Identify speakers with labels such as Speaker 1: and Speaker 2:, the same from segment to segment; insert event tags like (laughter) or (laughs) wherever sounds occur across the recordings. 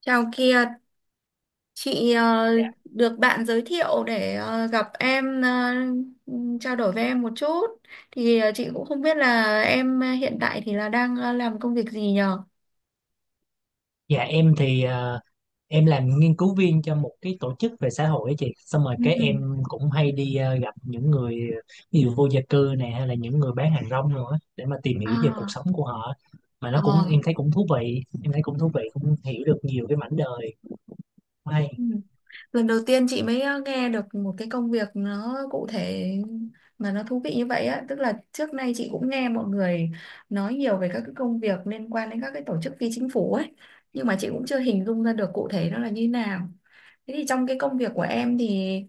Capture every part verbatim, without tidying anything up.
Speaker 1: Chào Kiệt, chị ờ,
Speaker 2: Dạ,
Speaker 1: được bạn giới thiệu để ờ, gặp em ờ, trao đổi với em một chút. Thì ờ, chị cũng không biết là em hiện tại thì là đang ờ, làm công việc gì nhờ?
Speaker 2: dạ, em thì ờ, em làm nghiên cứu viên cho một cái tổ chức về xã hội á chị, xong rồi
Speaker 1: Ừ.
Speaker 2: cái em cũng hay đi ờ, gặp những người ví dụ vô gia cư nè, hay là những người bán hàng rong nữa để mà tìm hiểu về cuộc
Speaker 1: À,
Speaker 2: sống của họ, mà nó cũng
Speaker 1: ờ.
Speaker 2: em thấy cũng thú vị, em thấy cũng thú vị, cũng hiểu được nhiều cái mảnh đời hay.
Speaker 1: Lần đầu tiên chị mới ờ, nghe được một cái công việc nó cụ thể mà nó thú vị như vậy á, tức là trước nay chị cũng nghe mọi người nói nhiều về các cái công việc liên quan đến các cái tổ chức phi chính phủ ấy, nhưng mà chị cũng chưa hình dung ra được cụ thể nó là như nào. Thế thì trong cái công việc của em thì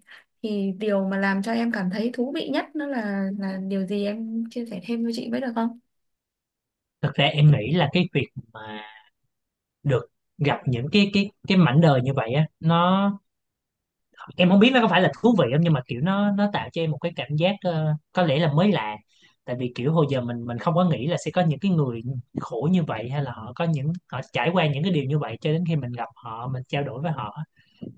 Speaker 1: thì điều mà làm cho em cảm thấy thú vị nhất nó là là điều gì, em chia sẻ thêm với chị với được không?
Speaker 2: Thật ra em nghĩ là cái việc mà được gặp những cái cái cái mảnh đời như vậy á, nó em không biết nó có phải là thú vị không, nhưng mà kiểu nó nó tạo cho em một cái cảm giác ờ, có lẽ là mới lạ. Tại vì kiểu hồi giờ mình mình không có nghĩ là sẽ có những cái người khổ như vậy, hay là họ có những họ trải qua những cái điều như vậy cho đến khi mình gặp họ, mình trao đổi với họ.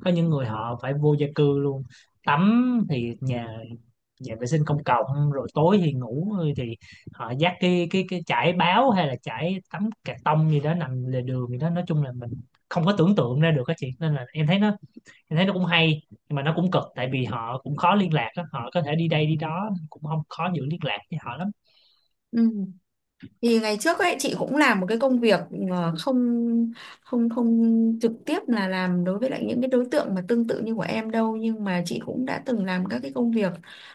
Speaker 2: Có những người họ phải vô gia cư luôn, tắm thì nhà nhà vệ sinh công cộng, rồi tối thì ngủ thì họ dắt cái cái cái chải báo hay là chải tấm cà tông gì đó nằm lề đường gì đó. Nói chung là mình không có tưởng tượng ra được các chị, nên là em thấy nó em thấy nó cũng hay nhưng mà nó cũng cực, tại vì họ cũng khó liên lạc á, họ có thể đi đây đi đó cũng không khó giữ liên lạc với họ lắm.
Speaker 1: Ừ. Thì ngày trước ấy chị cũng làm một cái công việc ờ, không không không trực tiếp là làm đối với lại những cái đối tượng mà tương tự như của em đâu, nhưng mà chị cũng đã từng làm các cái công việc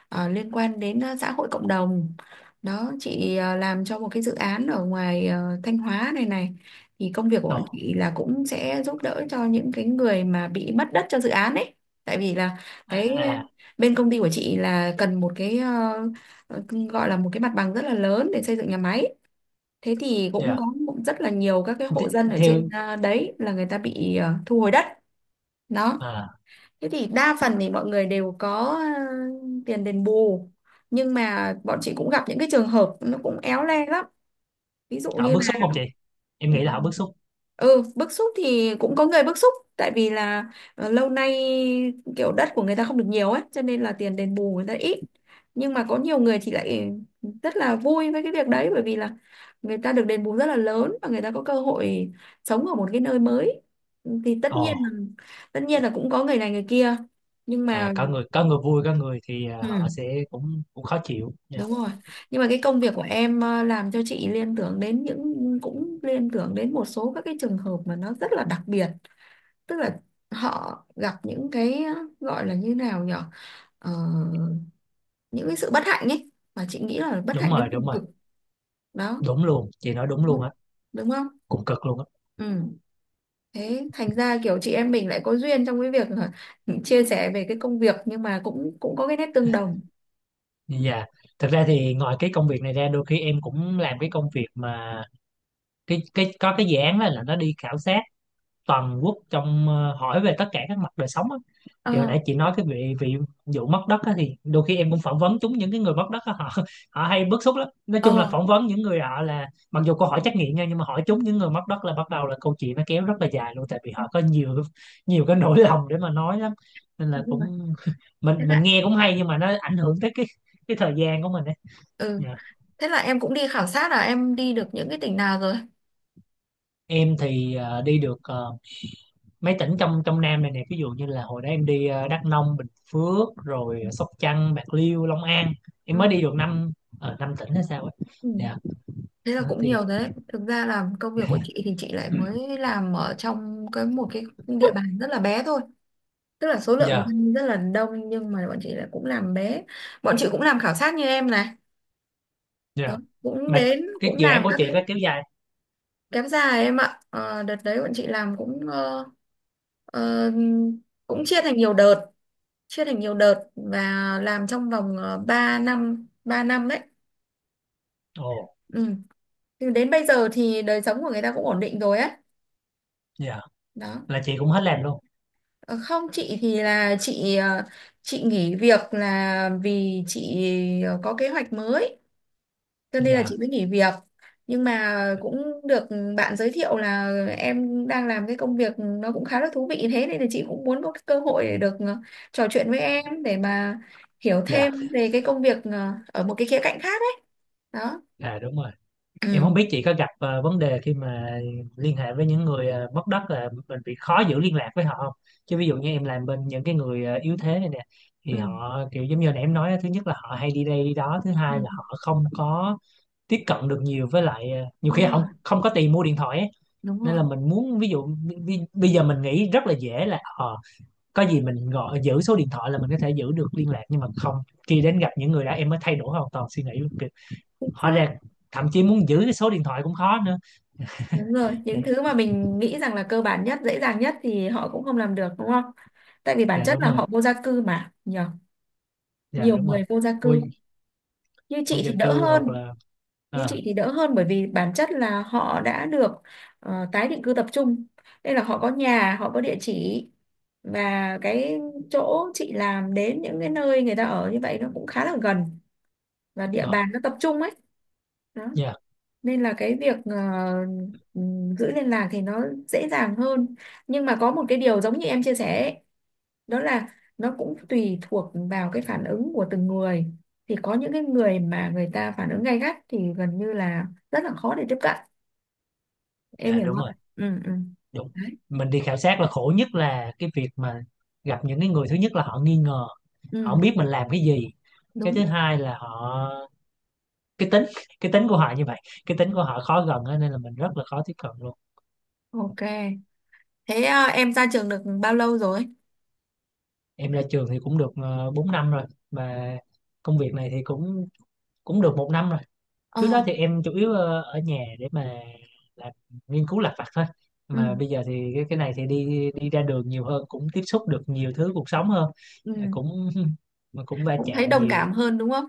Speaker 1: ờ, liên quan đến ờ, xã hội cộng đồng. Đó, chị ờ, làm cho một cái dự án ở ngoài ờ, Thanh Hóa này này. Thì công việc của
Speaker 2: Ồ.
Speaker 1: bọn chị là cũng sẽ giúp đỡ cho những cái người mà bị mất đất cho dự án ấy, tại vì là
Speaker 2: À,
Speaker 1: cái ờ,
Speaker 2: à.
Speaker 1: bên công ty của chị là cần một cái ờ, ờ, gọi là một cái mặt bằng rất là lớn để xây dựng nhà máy. Thế thì cũng
Speaker 2: Dạ.
Speaker 1: có cũng rất là nhiều các cái hộ
Speaker 2: Th
Speaker 1: dân ở trên
Speaker 2: Theo.
Speaker 1: à, đấy là người ta bị à, thu hồi đất. Đó.
Speaker 2: À,
Speaker 1: Thế thì đa phần thì mọi người đều có à, tiền đền bù. Nhưng mà bọn chị cũng gặp những cái trường hợp nó cũng éo le lắm. Ví dụ
Speaker 2: họ
Speaker 1: như
Speaker 2: bức xúc không chị? Em
Speaker 1: Ừ,
Speaker 2: nghĩ là họ bức xúc.
Speaker 1: ừ, bức xúc thì cũng có người bức xúc, tại vì là ờ, lâu nay kiểu đất của người ta không được nhiều ấy cho nên là tiền đền bù người ta ít, nhưng mà có nhiều người thì lại rất là vui với cái việc đấy, bởi vì là người ta được đền bù rất là lớn và người ta có cơ hội sống ở một cái nơi mới. Thì tất nhiên
Speaker 2: Ồ.
Speaker 1: là tất nhiên là cũng có người này người kia, nhưng
Speaker 2: À,
Speaker 1: mà
Speaker 2: có người, có người vui, có người thì à, họ
Speaker 1: Ừ.
Speaker 2: sẽ cũng cũng khó chịu dạ.
Speaker 1: Đúng rồi. Nhưng mà cái công việc của em ờ, làm cho chị liên tưởng đến những cũng liên tưởng đến một số các cái trường hợp mà nó rất là đặc biệt, tức là họ gặp những cái ờ, gọi là như nào nhở. Ờ, những cái sự bất hạnh ấy mà chị nghĩ là bất
Speaker 2: Đúng
Speaker 1: hạnh đến
Speaker 2: rồi, đúng
Speaker 1: cùng
Speaker 2: rồi.
Speaker 1: cực đó.
Speaker 2: Đúng luôn, chị nói đúng
Speaker 1: Đúng không?
Speaker 2: luôn á.
Speaker 1: Đúng không?
Speaker 2: Cũng cực luôn á.
Speaker 1: Ừ. Thế thành ra kiểu chị em mình lại có duyên trong cái việc là (laughs) chia sẻ về cái công việc nhưng mà cũng cũng có cái nét tương đồng.
Speaker 2: Dạ. Thực ra thì ngoài cái công việc này ra, đôi khi em cũng làm cái công việc mà cái cái có cái dự án đó là nó đi khảo sát toàn quốc, trong ờ, hỏi về tất cả các mặt đời sống á. Thì hồi
Speaker 1: Ờ,
Speaker 2: nãy chị nói cái vị vị vụ mất đất á, thì đôi khi em cũng phỏng vấn chúng những cái người mất đất á, họ họ hay bức xúc lắm. Nói chung
Speaker 1: ờ.
Speaker 2: là phỏng vấn những người họ là mặc dù câu hỏi trắc nghiệm nha, nhưng mà hỏi chúng những người mất đất là bắt đầu là câu chuyện nó kéo rất là dài luôn, tại vì họ có nhiều nhiều cái nỗi lòng để mà nói lắm, nên là
Speaker 1: Đúng rồi.
Speaker 2: cũng (laughs)
Speaker 1: Thế
Speaker 2: mình mình
Speaker 1: lại
Speaker 2: nghe cũng hay nhưng mà nó ảnh hưởng tới cái cái thời gian của mình ấy.
Speaker 1: ừ.
Speaker 2: Dạ.
Speaker 1: Thế là em cũng đi khảo sát, là em đi được những cái tỉnh nào rồi?
Speaker 2: Em thì ờ, đi được ờ, mấy tỉnh trong trong Nam này nè, ví dụ như là hồi đó em đi ờ, Đắk Nông, Bình Phước, rồi ờ, Sóc Trăng, Bạc Liêu, Long An. Em mới
Speaker 1: Ừ.
Speaker 2: đi được năm, ở năm tỉnh hay sao ấy.
Speaker 1: Ừ.
Speaker 2: Dạ.
Speaker 1: Thế là
Speaker 2: Đó
Speaker 1: cũng nhiều
Speaker 2: thì
Speaker 1: rồi đấy. Thực ra là công việc của chị
Speaker 2: (laughs)
Speaker 1: thì chị lại mới làm ở trong cái một cái địa bàn rất là bé thôi. Tức là số lượng Ừ.
Speaker 2: dạ,
Speaker 1: dân rất là đông, nhưng mà bọn chị lại cũng làm bé. Bọn chị cũng làm khảo sát như em này. Đó.
Speaker 2: dạ,
Speaker 1: Cũng
Speaker 2: mà
Speaker 1: đến
Speaker 2: cái
Speaker 1: cũng
Speaker 2: dự án
Speaker 1: làm
Speaker 2: của
Speaker 1: các
Speaker 2: chị
Speaker 1: cái
Speaker 2: có kéo dài?
Speaker 1: kém dài em ạ. Ờ, Đợt đấy bọn chị làm cũng ờ, ờ, cũng chia thành nhiều đợt, chia thành nhiều đợt và làm trong vòng uh, ba năm, ba năm đấy.
Speaker 2: Ồ.
Speaker 1: Ừ. Nhưng đến bây giờ thì đời sống của người ta cũng ổn định rồi á.
Speaker 2: Dạ,
Speaker 1: Đó.
Speaker 2: là chị cũng hết làm luôn.
Speaker 1: Ờ, Không, chị thì là chị ờ, chị nghỉ việc là vì chị ờ, có kế hoạch mới cho nên là
Speaker 2: Dạ.
Speaker 1: chị mới nghỉ việc. Nhưng mà cũng được bạn giới thiệu là em đang làm cái công việc nó cũng khá là thú vị, thế nên là chị cũng muốn có cái cơ hội để được ờ, trò chuyện với em để mà hiểu
Speaker 2: Dạ,
Speaker 1: thêm về cái công việc ờ, ở một cái khía cạnh khác ấy. Đó.
Speaker 2: à đúng rồi. Em
Speaker 1: Ừ.
Speaker 2: không biết chị có gặp ờ, vấn đề khi mà liên hệ với những người ờ, mất đất là mình bị khó giữ liên lạc với họ không? Chứ ví dụ như em làm bên những cái người ờ, yếu thế này nè
Speaker 1: Ừ,
Speaker 2: thì họ kiểu giống như nãy em nói á, thứ nhất là họ hay đi đây đi đó, thứ
Speaker 1: ừ.
Speaker 2: hai là họ không có tiếp cận được nhiều, với lại ờ, nhiều khi
Speaker 1: Đúng
Speaker 2: họ
Speaker 1: rồi,
Speaker 2: không không có tiền mua điện thoại ấy.
Speaker 1: đúng
Speaker 2: Nên
Speaker 1: rồi.
Speaker 2: là mình muốn ví dụ bi- bây giờ mình nghĩ rất là dễ là ờ, có gì mình gọi giữ số điện thoại là mình có thể giữ được liên lạc, nhưng mà không, khi đến gặp những người đó em mới thay đổi hoàn toàn suy nghĩ kiểu,
Speaker 1: Chính
Speaker 2: hóa
Speaker 1: xác.
Speaker 2: ra thậm chí muốn giữ cái số điện thoại cũng khó nữa.
Speaker 1: Đúng rồi, những
Speaker 2: Đấy.
Speaker 1: thứ mà mình nghĩ rằng là cơ bản nhất, dễ dàng nhất thì họ cũng không làm được, đúng không? Tại vì bản
Speaker 2: Dạ
Speaker 1: chất
Speaker 2: đúng
Speaker 1: là
Speaker 2: rồi,
Speaker 1: họ vô gia cư mà, nhờ.
Speaker 2: dạ
Speaker 1: Nhiều
Speaker 2: đúng rồi.
Speaker 1: người vô gia
Speaker 2: Vô,
Speaker 1: cư. Như
Speaker 2: vô
Speaker 1: chị
Speaker 2: gia
Speaker 1: thì đỡ
Speaker 2: cư hoặc
Speaker 1: hơn,
Speaker 2: là
Speaker 1: như
Speaker 2: à,
Speaker 1: chị thì đỡ hơn bởi vì bản chất là họ đã được ờ, tái định cư tập trung. Đây là họ có nhà, họ có địa chỉ và cái chỗ chị làm đến những cái nơi người ta ở như vậy nó cũng khá là gần và địa
Speaker 2: ngọt.
Speaker 1: bàn nó tập trung ấy. Đó.
Speaker 2: Dạ,
Speaker 1: Nên là cái việc ờ, ừm, giữ liên lạc thì nó dễ dàng hơn, nhưng mà có một cái điều giống như em chia sẻ ấy, đó là nó cũng tùy thuộc vào cái phản ứng của từng người. Thì có những cái người mà người ta phản ứng gay gắt thì gần như là rất là khó để tiếp cận, em
Speaker 2: dạ
Speaker 1: hiểu
Speaker 2: đúng
Speaker 1: không.
Speaker 2: rồi,
Speaker 1: Ừ, ừ,
Speaker 2: đúng.
Speaker 1: đấy,
Speaker 2: Mình đi khảo sát là khổ nhất là cái việc mà gặp những cái người thứ nhất là họ nghi ngờ, họ
Speaker 1: ừ,
Speaker 2: không biết mình làm cái gì. Cái
Speaker 1: đúng,
Speaker 2: thứ hai là họ cái tính, cái tính của họ như vậy, cái tính của họ khó gần á, nên là mình rất là khó tiếp cận luôn.
Speaker 1: ok. Thế ờ, em ra trường được bao lâu rồi?
Speaker 2: Em ra trường thì cũng được uh, bốn năm rồi, mà công việc này thì cũng cũng được một năm rồi.
Speaker 1: Ờ,
Speaker 2: Trước đó thì em chủ yếu ờ, ở nhà để mà làm nghiên cứu lặt vặt thôi,
Speaker 1: ừ,
Speaker 2: mà bây giờ thì cái cái này thì đi đi ra đường nhiều hơn, cũng tiếp xúc được nhiều thứ cuộc sống hơn. Mà
Speaker 1: ừ,
Speaker 2: cũng (laughs) mà cũng va
Speaker 1: cũng thấy
Speaker 2: chạm
Speaker 1: đồng
Speaker 2: nhiều.
Speaker 1: cảm hơn đúng không,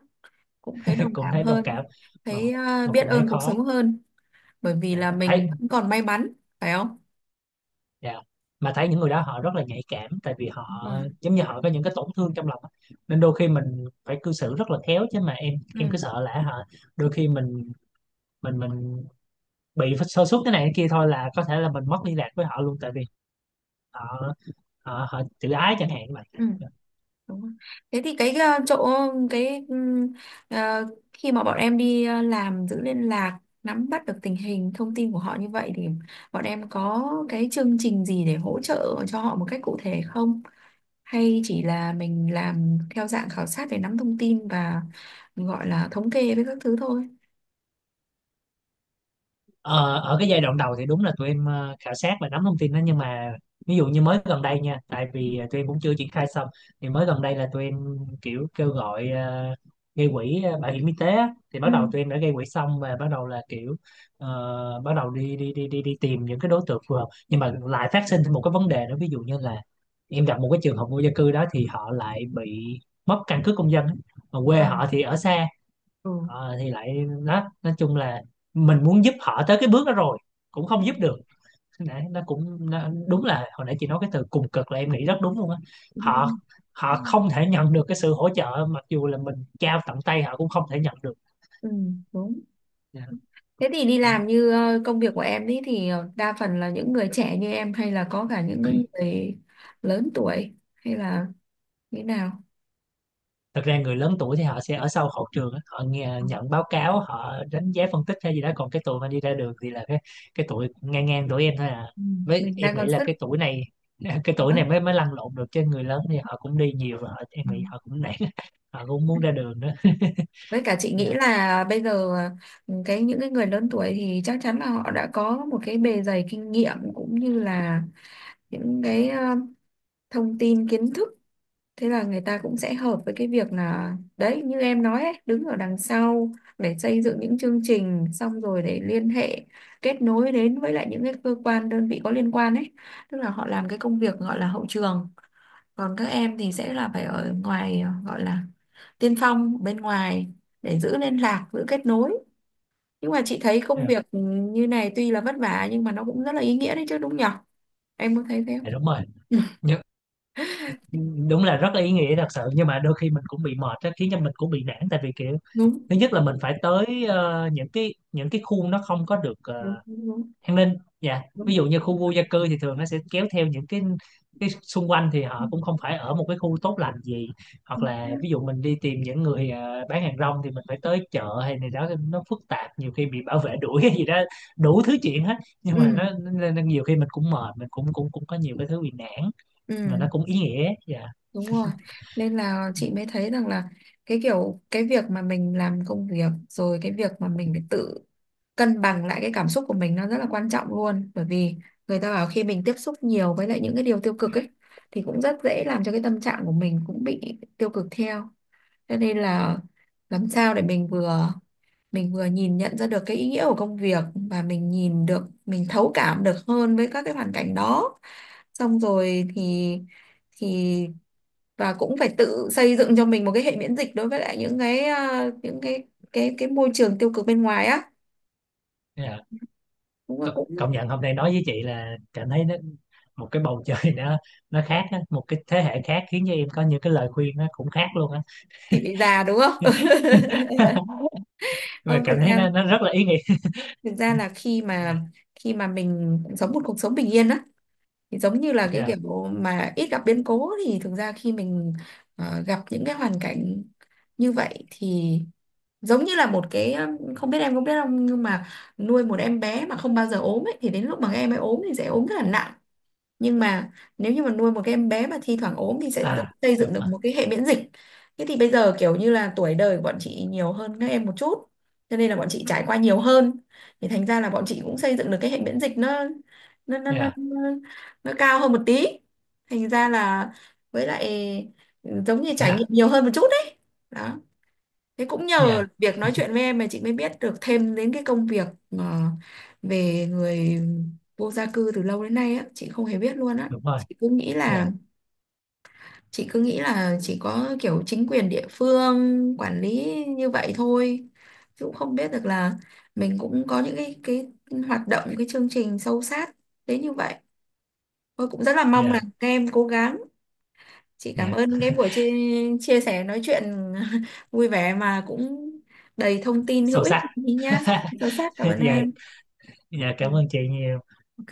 Speaker 1: cũng thấy
Speaker 2: (laughs)
Speaker 1: đồng
Speaker 2: Cũng
Speaker 1: cảm
Speaker 2: thấy đồng
Speaker 1: hơn,
Speaker 2: cảm. mà
Speaker 1: thấy ờ,
Speaker 2: mà
Speaker 1: biết
Speaker 2: cũng thấy
Speaker 1: ơn cuộc
Speaker 2: khó.
Speaker 1: sống hơn, bởi vì
Speaker 2: Dạ,
Speaker 1: là
Speaker 2: thấy
Speaker 1: mình vẫn còn may mắn, phải không?
Speaker 2: dạ. Mà thấy những người đó họ rất là nhạy cảm, tại vì
Speaker 1: Đúng
Speaker 2: họ
Speaker 1: rồi.
Speaker 2: giống như họ có những cái tổn thương trong lòng á, nên đôi khi mình phải cư xử rất là khéo, chứ mà em
Speaker 1: Ừ.
Speaker 2: em cứ sợ là họ, đôi khi mình mình mình bị sơ suất cái này cái kia thôi là có thể là mình mất liên lạc với họ luôn, tại vì họ, họ họ tự ái chẳng hạn như
Speaker 1: Ừ.
Speaker 2: vậy.
Speaker 1: Đúng rồi. Thế thì cái ờ, chỗ cái ừm, ờ, khi mà bọn em đi ờ, làm giữ liên lạc nắm bắt được tình hình thông tin của họ như vậy thì bọn em có cái chương trình gì để hỗ trợ cho họ một cách cụ thể không? Hay chỉ là mình làm theo dạng khảo sát để nắm thông tin và gọi là thống kê với các thứ thôi?
Speaker 2: ờ, Ở cái giai đoạn đầu thì đúng là tụi em ờ, khảo sát và nắm thông tin đó, nhưng mà ví dụ như mới gần đây nha, tại vì ờ, tụi em cũng chưa triển khai xong, thì mới gần đây là tụi em kiểu kêu gọi ờ, gây quỹ ờ, bảo hiểm y tế á. Thì bắt
Speaker 1: Ừ.
Speaker 2: đầu tụi em đã gây quỹ xong và bắt đầu là kiểu ờ, bắt đầu đi đi đi đi đi tìm những cái đối tượng phù hợp, nhưng mà lại phát sinh thêm một cái vấn đề nữa. Ví dụ như là em gặp một cái trường hợp vô gia cư đó, thì họ lại bị mất căn cước công dân á, mà
Speaker 1: Ừ.
Speaker 2: quê họ thì ở xa.
Speaker 1: Ừ.
Speaker 2: Ờ, thì lại đó nói chung là mình muốn giúp họ tới cái bước đó rồi cũng
Speaker 1: Ừ.
Speaker 2: không giúp được. (laughs) Nãy nó cũng nó, đúng là hồi nãy chị nói cái từ cùng cực là em nghĩ rất đúng luôn á.
Speaker 1: Đúng rồi.
Speaker 2: Họ họ không thể nhận được cái sự hỗ trợ, mặc dù là mình trao tận tay họ cũng không thể nhận được.
Speaker 1: Ừ, đúng. Thế thì đi
Speaker 2: Dạ.
Speaker 1: làm như ờ, công việc của em ấy thì ờ, đa phần là những người trẻ như em hay là có cả những cái người lớn tuổi hay là như thế nào?
Speaker 2: Thật ra người lớn tuổi thì họ sẽ ở sau hậu trường á, họ nghe
Speaker 1: Ừ.
Speaker 2: nhận báo cáo, họ đánh giá phân tích hay gì đó, còn cái tuổi mà đi ra đường thì là cái cái tuổi ngang ngang tuổi em thôi à.
Speaker 1: Ừ,
Speaker 2: Với
Speaker 1: mình
Speaker 2: em
Speaker 1: đang
Speaker 2: nghĩ
Speaker 1: còn
Speaker 2: là
Speaker 1: sức
Speaker 2: cái tuổi này (laughs) cái tuổi
Speaker 1: nữa.
Speaker 2: này mới mới lăn lộn được, chứ người lớn thì họ cũng đi nhiều và họ, em
Speaker 1: Ừ.
Speaker 2: nghĩ họ cũng nản. (laughs) Họ cũng muốn ra đường đó. (laughs)
Speaker 1: Với cả chị nghĩ
Speaker 2: Dạ.
Speaker 1: là bây giờ ờ, cái những cái người lớn tuổi thì chắc chắn là họ đã có một cái bề dày kinh nghiệm cũng như là những cái ờ, thông tin kiến thức, thế là người ta cũng sẽ hợp với cái việc là đấy như em nói ấy, đứng ở đằng sau để xây dựng những chương trình xong rồi để liên hệ kết nối đến với lại những cái cơ quan đơn vị có liên quan ấy, tức là họ làm cái công việc gọi là hậu trường, còn các em thì sẽ là phải ở ngoài ờ, gọi là tiên phong bên ngoài để giữ liên lạc giữ kết nối. Nhưng mà chị thấy công
Speaker 2: Dạ,
Speaker 1: việc như này tuy là vất vả nhưng mà nó cũng rất là ý nghĩa đấy chứ, đúng nhở, em có thấy thế không?
Speaker 2: dạ, đúng rồi. Nhưng, đúng là rất là ý nghĩa thật sự, nhưng mà đôi khi mình cũng bị mệt á khiến cho mình cũng bị nản, tại vì kiểu thứ nhất là mình phải tới ờ, những cái những cái khuôn nó không có được ờ,
Speaker 1: (laughs) Đúng, đúng,
Speaker 2: an ninh dạ. Ví
Speaker 1: đúng,
Speaker 2: dụ như khu vô gia cư thì thường nó sẽ kéo theo những cái cái xung quanh thì họ
Speaker 1: đúng,
Speaker 2: cũng không phải ở một cái khu tốt lành gì. Hoặc
Speaker 1: chính
Speaker 2: là
Speaker 1: xác.
Speaker 2: ví dụ mình đi tìm những người ờ, bán hàng rong thì mình phải tới chợ hay này đó, nó phức tạp, nhiều khi bị bảo vệ đuổi cái gì đó, đủ thứ chuyện hết. Nhưng mà
Speaker 1: Ừ,
Speaker 2: nó, nó, nên nhiều khi mình cũng mệt, mình cũng cũng cũng có nhiều cái thứ bị nản, mà
Speaker 1: ừ,
Speaker 2: nó cũng ý nghĩa dạ.
Speaker 1: đúng rồi, nên là chị mới thấy rằng là cái kiểu cái việc mà mình làm công việc rồi cái việc mà mình phải tự cân bằng lại cái cảm xúc của mình nó rất là quan trọng luôn, bởi vì người ta bảo khi mình tiếp xúc nhiều với lại những cái điều tiêu cực ấy thì cũng rất dễ làm cho cái tâm trạng của mình cũng bị tiêu cực theo, cho nên là làm sao để mình vừa mình vừa nhìn nhận ra được cái ý nghĩa của công việc và mình nhìn được mình thấu cảm được hơn với các cái hoàn cảnh đó, xong rồi thì thì và cũng phải tự xây dựng cho mình một cái hệ miễn dịch đối với lại những cái à, những cái cái cái môi trường tiêu cực bên ngoài á,
Speaker 2: Dạ.
Speaker 1: đúng là
Speaker 2: C-
Speaker 1: cũng
Speaker 2: công nhận hôm nay nói với chị là cảm thấy nó một cái bầu trời (laughs) nó nó khác á, một cái thế hệ khác khiến cho em có những cái lời khuyên nó cũng khác luôn á.
Speaker 1: chị bị già đúng không.
Speaker 2: (laughs)
Speaker 1: (laughs)
Speaker 2: Mà
Speaker 1: Không,
Speaker 2: cảm
Speaker 1: thực
Speaker 2: thấy
Speaker 1: ra
Speaker 2: nó nó rất là ý nghĩa.
Speaker 1: thực ra là khi mà
Speaker 2: Dạ.
Speaker 1: khi mà mình sống một cuộc sống bình yên á thì giống như là cái
Speaker 2: Dạ,
Speaker 1: kiểu mà ít gặp biến cố, thì thực ra khi mình ờ, gặp những cái hoàn cảnh như vậy thì giống như là một cái um, không biết em có biết không nhưng mà nuôi một em bé mà không bao giờ ốm ấy thì đến lúc mà các em ấy ốm thì sẽ ốm rất là nặng, nhưng mà nếu như mà nuôi một cái em bé mà thi thoảng ốm thì sẽ tự
Speaker 2: à
Speaker 1: xây dựng
Speaker 2: đúng
Speaker 1: được
Speaker 2: rồi.
Speaker 1: một cái hệ miễn dịch. Thế thì bây giờ kiểu như là tuổi đời của bọn chị nhiều hơn các em một chút cho nên là bọn chị trải qua nhiều hơn, thì thành ra là bọn chị cũng xây dựng được cái hệ miễn dịch nó nó nó nó,
Speaker 2: Dạ.
Speaker 1: nó, nó cao hơn một tí, thành ra là với lại ừ, giống như trải nghiệm
Speaker 2: Dạ,
Speaker 1: nhiều hơn một chút đấy. Đó. Thế cũng nhờ
Speaker 2: dạ
Speaker 1: việc nói chuyện với em mà chị mới biết được thêm đến cái công việc ờ, về người vô gia cư, từ lâu đến nay á, chị không hề biết luôn á.
Speaker 2: đúng rồi.
Speaker 1: Chị cứ nghĩ
Speaker 2: Dạ.
Speaker 1: là chị cứ nghĩ là chỉ có kiểu chính quyền địa phương quản lý như vậy thôi. Chứ cũng không biết được là mình cũng có những cái cái hoạt động cái chương trình sâu sát đến như vậy. Tôi cũng rất là mong là
Speaker 2: Dạ.
Speaker 1: các em cố gắng. Chị cảm
Speaker 2: Dạ,
Speaker 1: ơn cái buổi chia, chia sẻ nói chuyện (laughs) vui vẻ mà cũng đầy thông tin hữu
Speaker 2: sâu
Speaker 1: ích
Speaker 2: sắc.
Speaker 1: nhá, sâu sắc,
Speaker 2: (laughs)
Speaker 1: cảm ơn
Speaker 2: Dạ.
Speaker 1: em.
Speaker 2: Dạ,
Speaker 1: Ừ.
Speaker 2: cảm ơn chị nhiều.
Speaker 1: Ok.